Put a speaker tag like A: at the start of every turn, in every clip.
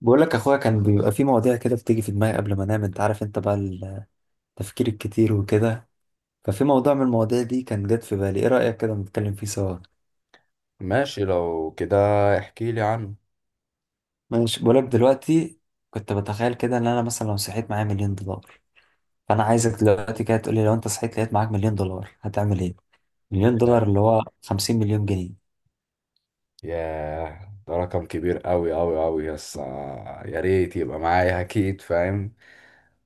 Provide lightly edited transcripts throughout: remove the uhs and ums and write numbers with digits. A: بقول لك اخويا، كان بيبقى في مواضيع كده بتيجي في دماغي قبل ما انام. انت عارف، انت بقى التفكير الكتير وكده. ففي موضوع من المواضيع دي كان جت في بالي، ايه رأيك كده نتكلم فيه سوا؟
B: ماشي لو كده. احكي لي عنه.
A: ماشي، بقول لك دلوقتي. كنت بتخيل كده ان انا مثلا لو صحيت معايا $1,000,000. فانا عايزك دلوقتي كده تقول لي، لو انت صحيت لقيت معاك $1,000,000 هتعمل ايه؟ مليون دولار
B: ياه،
A: اللي هو 50 مليون جنيه.
B: ياه، ده رقم كبير قوي قوي قوي. يس يا ريت يبقى معايا اكيد، فاهم؟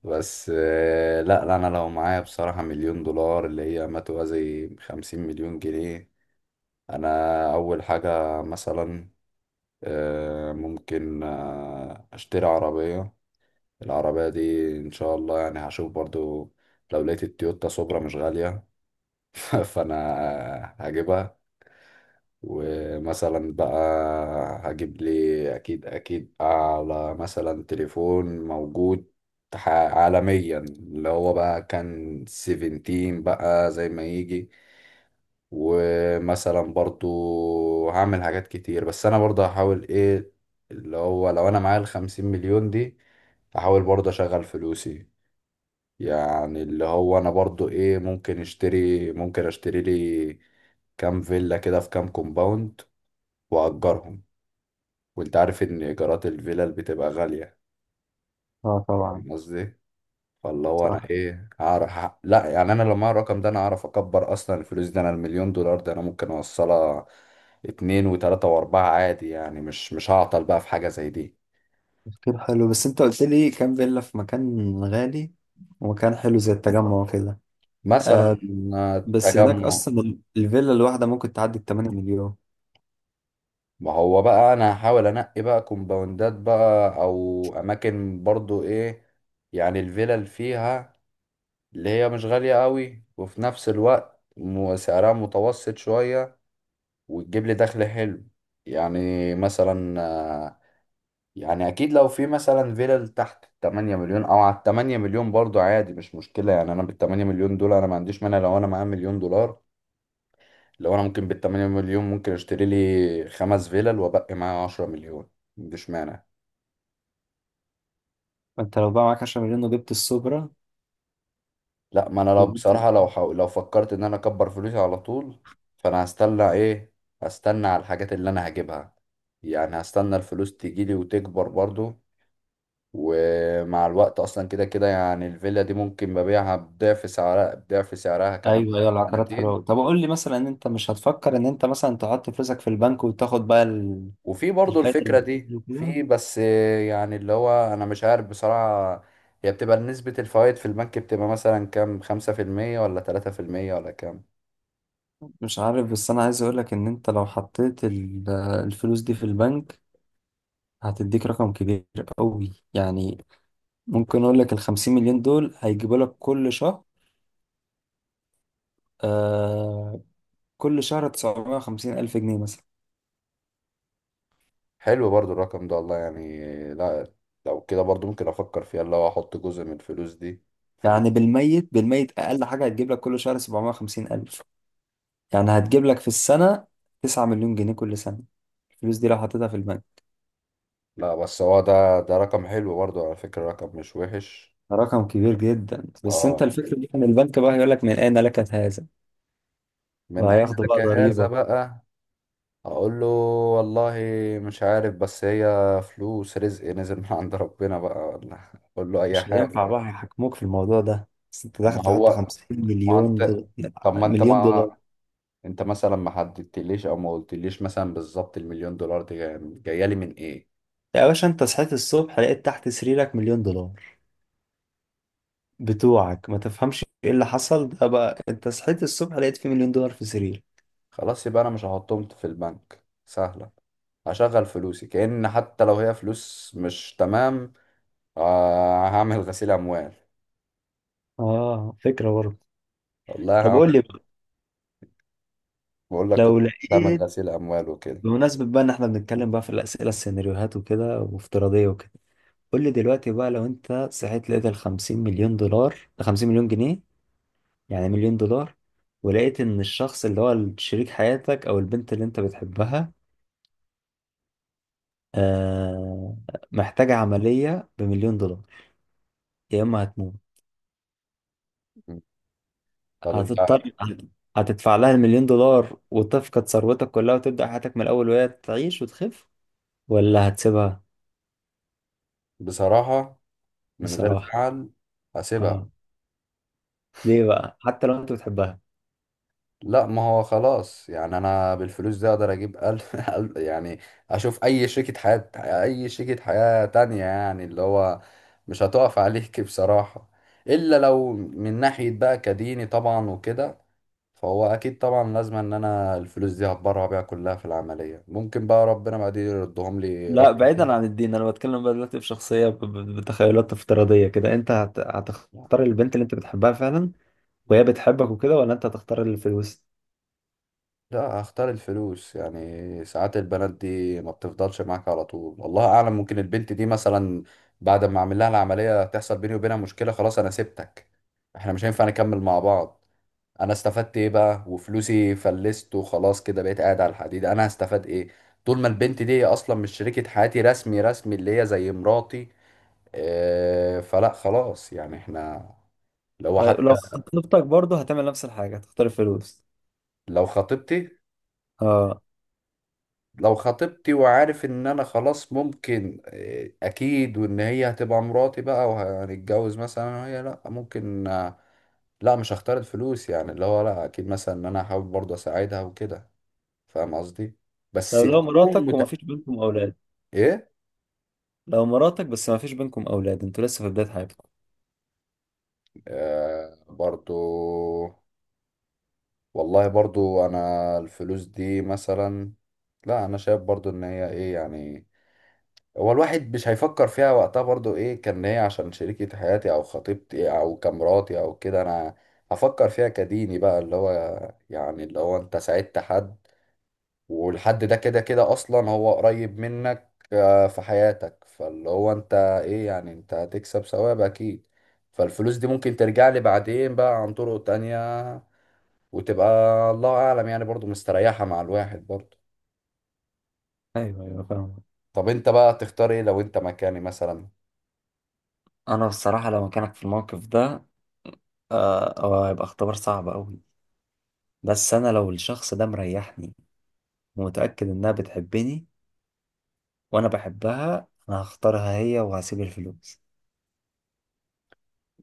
B: بس لا، لا، انا لو معايا بصراحة مليون دولار اللي هي ما توازي خمسين مليون جنيه، انا اول حاجة مثلا ممكن اشتري عربية. العربية دي ان شاء الله يعني هشوف برضو، لو لقيت التويوتا سوبرا مش غالية فانا هجيبها. ومثلا بقى هجيب لي اكيد اكيد على مثلا تليفون موجود عالميا، اللي هو بقى كان 17 بقى زي ما يجي. ومثلا برضو هعمل حاجات كتير، بس انا برضو هحاول ايه، اللي هو لو انا معايا الخمسين مليون دي هحاول برضو اشغل فلوسي. يعني اللي هو انا برضو ايه، ممكن اشتري، ممكن اشتري لي كام فيلا كده في كام كومباوند واجرهم. وانت عارف ان ايجارات الفيلل بتبقى غاليه.
A: اه طبعا.
B: فاهم قصدي إيه؟ فاللي هو انا
A: صح.
B: ايه هعرف لا، يعني انا لو معايا الرقم ده انا هعرف اكبر اصلا الفلوس دي، انا المليون دولار ده انا ممكن اوصلها اتنين وتلاته واربعه عادي. يعني مش هعطل بقى في حاجه زي دي.
A: تفكير حلو، بس انت قلت لي كام فيلا في مكان غالي ومكان حلو زي التجمع وكده. آه،
B: مثلا
A: بس هناك
B: تجمع.
A: اصلا الفيلا الواحده ممكن تعدي ال 8 مليون.
B: ما هو بقى انا هحاول انقي بقى كومباوندات بقى او اماكن برضو ايه، يعني الفيلل فيها اللي هي مش غاليه قوي وفي نفس الوقت سعرها متوسط شويه وتجيب لي دخل حلو. يعني مثلا يعني اكيد لو في مثلا فيلل تحت 8 مليون او على 8 مليون برضو عادي مش مشكلة. يعني انا بال 8 مليون دول انا ما عنديش مانع. لو انا معايا مليون دولار، لو انا ممكن بال 8 مليون ممكن اشتري لي خمس فيلل وابقي معايا 10 مليون، ما عنديش مانع.
A: فانت لو بقى معاك 10 مليون وجبت السوبرا،
B: لا، ما انا لو
A: وجبت.
B: بصراحة لو حاول، لو فكرت ان انا اكبر فلوسي على طول، فانا هستنى ايه؟ هستنى على الحاجات اللي انا هجيبها. يعني هستنى الفلوس تجيلي وتكبر برضو. ومع الوقت اصلا كده كده يعني الفيلا دي ممكن ببيعها بضعف سعرها، بضعف سعرها كمان
A: ايوه ايوه، العقارات حلوه أوي.
B: سنتين.
A: طب قول لي مثلا، ان انت مش هتفكر ان انت مثلا تحط فلوسك في البنك وتاخد بقى
B: وفي برضو
A: الفايده اللي
B: الفكرة دي،
A: بتنزل وكده؟
B: في بس يعني اللي هو انا مش عارف بصراحة، هي بتبقى نسبة الفوائد في البنك بتبقى مثلا كام؟ خمسة في المية ولا تلاتة في المية ولا كام؟
A: مش عارف، بس انا عايز اقول لك ان انت لو حطيت الفلوس دي في البنك هتديك رقم كبير قوي يعني. ممكن اقول لك ال 50 مليون دول هيجيبوا لك كل شهر، آه، كل شهر 950 الف جنيه مثلا.
B: حلو برضو الرقم ده والله يعني. لا، لو كده برضو ممكن افكر فيها، اللي هو احط جزء من الفلوس دي في
A: يعني بالميت بالميت اقل حاجه هتجيب لك كل شهر 750 الف. يعني هتجيب لك في السنه 9 مليون جنيه كل سنه، الفلوس دي لو حطيتها في البنك.
B: لا، بس هو ده رقم حلو برضو على فكرة، رقم مش وحش.
A: رقم كبير جدا، بس انت
B: اه.
A: الفكره دي كان البنك بقى هيقول لك من اين لك هذا،
B: من أين
A: وهياخدوا
B: لك
A: بقى
B: هذا
A: ضريبه.
B: بقى؟ اقول له والله مش عارف، بس هي فلوس رزق نزل من عند ربنا بقى، ولا اقول له اي
A: مش هينفع
B: حاجه.
A: بقى، هيحاكموك في الموضوع ده، بس انت داخل
B: ما
A: تحط
B: هو
A: 50
B: ما
A: مليون
B: انت
A: دولار.
B: طب ما انت
A: مليون
B: ما
A: دولار.
B: انت مثلا ما حددتليش او ما قلتليش مثلا بالظبط المليون دولار دي جاية لي من ايه.
A: يا باشا انت صحيت الصبح لقيت تحت سريرك مليون دولار بتوعك، ما تفهمش ايه اللي حصل ده بقى، انت صحيت الصبح لقيت في مليون دولار في سرير.
B: خلاص يبقى انا مش هحطهم في البنك، سهله. هشغل فلوسي، كأن حتى لو هي فلوس مش تمام هعمل غسيل اموال.
A: اه فكرة برضه.
B: والله
A: طب
B: هعمل-
A: قول لي بقى،
B: بقول لك
A: لو
B: كنت بعمل
A: لقيت،
B: غسيل اموال وكده.
A: بمناسبة بقى ان احنا بنتكلم بقى في الأسئلة السيناريوهات وكده وافتراضية وكده، قول لي دلوقتي بقى، لو انت صحيت لقيت ال 50 مليون دولار، 50 مليون جنيه يعني مليون دولار، ولقيت ان الشخص اللي هو شريك حياتك او البنت اللي انت بتحبها آه محتاجة عملية بمليون دولار. يا اما هتموت،
B: طب انت،
A: هتضطر هتدفع لها المليون دولار وتفقد ثروتك كلها وتبدأ حياتك من الأول وهي تعيش وتخف، ولا هتسيبها؟
B: بصراحه من غير
A: بصراحة
B: زعل هسيبها.
A: اه. ليه بقى، حتى لو انت بتحبها؟
B: لا، ما هو خلاص يعني انا بالفلوس دي اقدر اجيب يعني اشوف اي شريكة حياة تانية، يعني اللي هو مش هتقف عليك بصراحة. الا لو من ناحية بقى كديني طبعا وكده، فهو اكيد طبعا لازم ان انا الفلوس دي هتبرع بيها كلها في العملية، ممكن بقى ربنا بعدين يردهم لي
A: لا،
B: رقم.
A: بعيدا عن الدين، انا بتكلم بقى دلوقتي بشخصيه، بتخيلات افتراضيه كده. انت هتختار البنت اللي انت بتحبها فعلا وهي بتحبك وكده، ولا انت هتختار الفلوس؟
B: لا، اختار الفلوس. يعني ساعات البنات دي ما بتفضلش معاك على طول والله اعلم. ممكن البنت دي مثلا بعد ما اعمل لها العملية تحصل بيني وبينها مشكلة، خلاص انا سبتك، احنا مش هينفع نكمل مع بعض. انا استفدت ايه بقى؟ وفلوسي فلست وخلاص كده بقيت قاعد على الحديد، انا هستفاد ايه؟ طول ما البنت دي اصلا مش شريكة حياتي رسمي رسمي اللي هي زي مراتي. اه فلا خلاص يعني احنا لو
A: طيب
B: حتى.
A: لو خطيبتك برضه هتعمل نفس الحاجه، هتختار الفلوس؟
B: لو خطيبتي؟
A: اه.
B: لو خطيبتي وعارف ان انا خلاص ممكن اكيد وان هي هتبقى مراتي بقى وهنتجوز مثلا، أنا وهي، لا ممكن لا، مش هختار الفلوس. يعني اللي هو لا اكيد مثلا ان انا هحاول برضه اساعدها وكده. فاهم قصدي. بس
A: طيب لو
B: يكون
A: مراتك
B: مت...
A: ومفيش بينكم اولاد،
B: ايه؟
A: لو مراتك بس مفيش بينكم اولاد، انتوا لسه في بدايه حياتكم.
B: آه برضه. والله برضه انا الفلوس دي مثلا، لا انا شايف برضه ان هي ايه يعني. هو الواحد مش هيفكر فيها وقتها برضو، ايه كان هي عشان شريكة حياتي او خطيبتي او كمراتي او كده. انا هفكر فيها كديني بقى، اللي هو يعني اللي هو انت ساعدت حد، والحد ده كده كده اصلا هو قريب منك في حياتك. فاللي هو انت ايه يعني، انت هتكسب ثواب اكيد. فالفلوس دي ممكن ترجع لي بعدين بقى عن طرق تانية وتبقى الله اعلم يعني، برضو مستريحة مع الواحد برضو.
A: ايوه ايوه فاهم.
B: طب انت بقى تختار ايه لو انت مكاني مثلا؟
A: انا بصراحه لو مكانك في الموقف ده، هيبقى اختبار صعب قوي. بس انا لو الشخص ده مريحني ومتاكد انها بتحبني وانا بحبها، انا هختارها هي وهسيب الفلوس.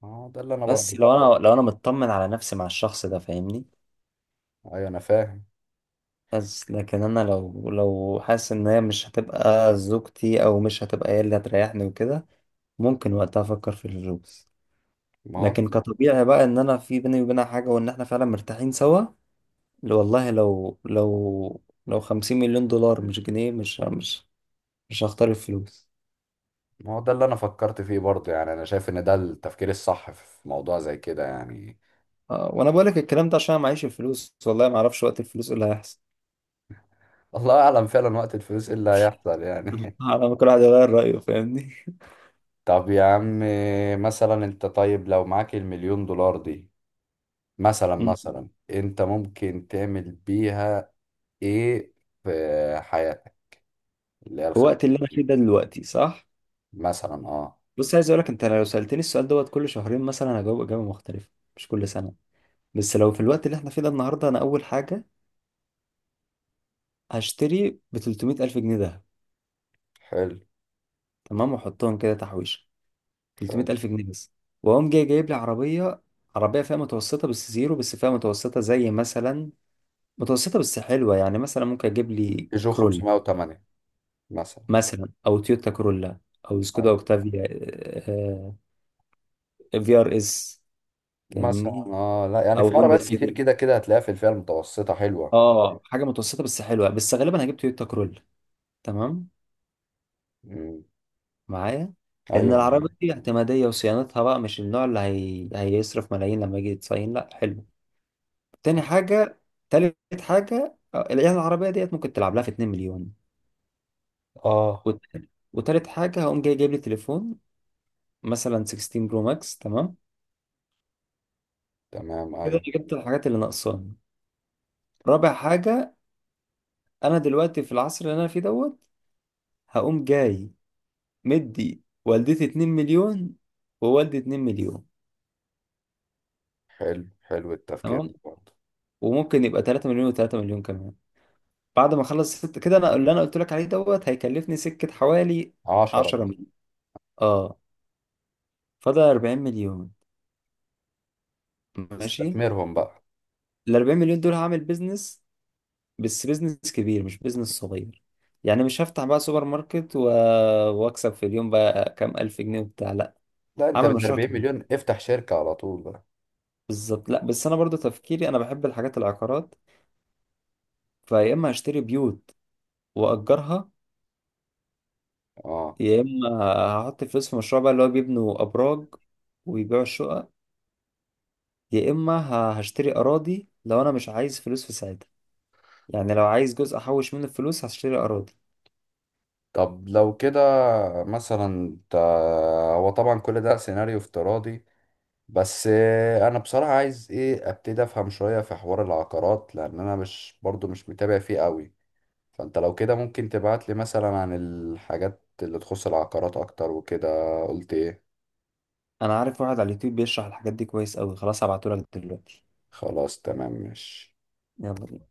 B: اه، ده اللي انا
A: بس
B: برضو.
A: لو انا مطمن على نفسي مع الشخص ده، فاهمني؟
B: ايوه، انا فاهم.
A: بس لكن انا لو حاسس ان هي مش هتبقى زوجتي، او مش هتبقى هي اللي هتريحني وكده، ممكن وقتها افكر في الفلوس.
B: ما هو
A: لكن كطبيعي بقى، ان انا في بيني وبينها حاجة وان احنا فعلا مرتاحين سوا، والله لو لو $50,000,000 مش جنيه، مش هختار الفلوس.
B: ما هو ده اللي انا فكرت فيه برضه، يعني انا شايف ان ده التفكير الصح في موضوع زي كده يعني.
A: وانا بقولك الكلام ده عشان أنا معيش الفلوس، والله ما اعرفش وقت الفلوس إيه اللي هيحصل.
B: الله اعلم فعلا وقت الفلوس ايه اللي هيحصل يعني.
A: على ما كل واحد يغير رأيه، فاهمني.
B: طب يا عم، مثلا انت، طيب لو معاك المليون دولار دي مثلا،
A: مم.
B: مثلا انت ممكن تعمل بيها ايه في حياتك اللي هي
A: في
B: الخم؟
A: الوقت اللي انا فيه ده دلوقتي صح.
B: مثلا اه.
A: بص، عايز اقول لك، انت لو سألتني السؤال دوت كل شهرين مثلا هجاوب إجابة مختلفة، مش كل سنة. بس لو في الوقت اللي احنا فيه ده النهاردة، انا اول حاجة هشتري ب 300 الف جنيه ده،
B: حلو،
A: تمام، واحطهم كده تحويشة. 300
B: حلو.
A: الف جنيه بس. واقوم جاي جايب لي عربية، عربية فئة متوسطة بس زيرو، بس فئة متوسطة زي مثلا، متوسطة بس حلوة. يعني مثلا ممكن اجيب لي
B: جو
A: كرول
B: 508 مثلا.
A: مثلا، او تويوتا كرولا، او سكودا
B: أيوة.
A: اوكتافيا، في ار اس،
B: مثلا
A: فاهمني،
B: اه، لا يعني
A: او
B: في
A: هوندا
B: عربيات كتير
A: سيفيك.
B: كده كده هتلاقيها في الفئة المتوسطة حلوة.
A: اه حاجه متوسطه بس حلوه، بس غالبا هجيب تويوتا كرول، تمام، معايا. لان
B: ايوه،
A: العربيه
B: معاك.
A: دي اعتماديه وصيانتها بقى مش النوع اللي هيصرف ملايين لما يجي يتصين، لا، حلو. تاني حاجه، تالت حاجه، يعني العربيه ديت ممكن تلعب لها في 2 مليون.
B: اه،
A: وت... وتالت حاجه هقوم جاي جايب لي تليفون مثلا 16 برو ماكس. تمام،
B: تمام،
A: كده انا
B: ايوه.
A: جبت الحاجات اللي ناقصاني. رابع حاجه، انا دلوقتي في العصر اللي انا فيه دوت، هقوم جاي مدي والدتي 2 مليون ووالدي 2 مليون.
B: حلو، حلو، التفكير
A: تمام.
B: ده برضه.
A: وممكن يبقى 3 مليون و3 مليون كمان. بعد ما اخلص ست كده انا اللي انا قلت لك عليه دوت، هيكلفني سكة حوالي
B: 10.
A: 10 مليون، اه. فاضل 40 مليون، ماشي.
B: استثمرهم بقى.
A: ال 40 مليون دول هعمل بيزنس، بس بيزنس كبير مش بيزنس صغير. يعني مش هفتح بقى سوبر ماركت و... واكسب في اليوم بقى كام الف جنيه وبتاع، لا،
B: لا، انت
A: هعمل
B: بال
A: مشروع
B: 40
A: كبير.
B: مليون افتح شركة على طول بقى.
A: بالظبط، لا بس انا برضو تفكيري، انا بحب الحاجات العقارات. فيا اما هشتري بيوت واجرها،
B: اه.
A: يا اما هحط الفلوس في مشروع بقى اللي هو بيبنوا ابراج ويبيعوا الشقق، يا اما هشتري اراضي لو انا مش عايز فلوس في ساعتها. يعني لو عايز جزء احوش منه الفلوس هشتري اراضي.
B: طب لو كده مثلا انت، هو طبعا كل ده سيناريو افتراضي، بس انا بصراحة عايز ايه ابتدي افهم شوية في حوار العقارات، لان انا مش برضو مش متابع فيه قوي. فانت لو كده ممكن تبعت لي مثلا عن الحاجات اللي تخص العقارات اكتر وكده. قلت ايه؟
A: انا عارف واحد على اليوتيوب بيشرح الحاجات دي كويس قوي، خلاص هبعتهولك دلوقتي.
B: خلاص، تمام، ماشي.
A: يلا بينا.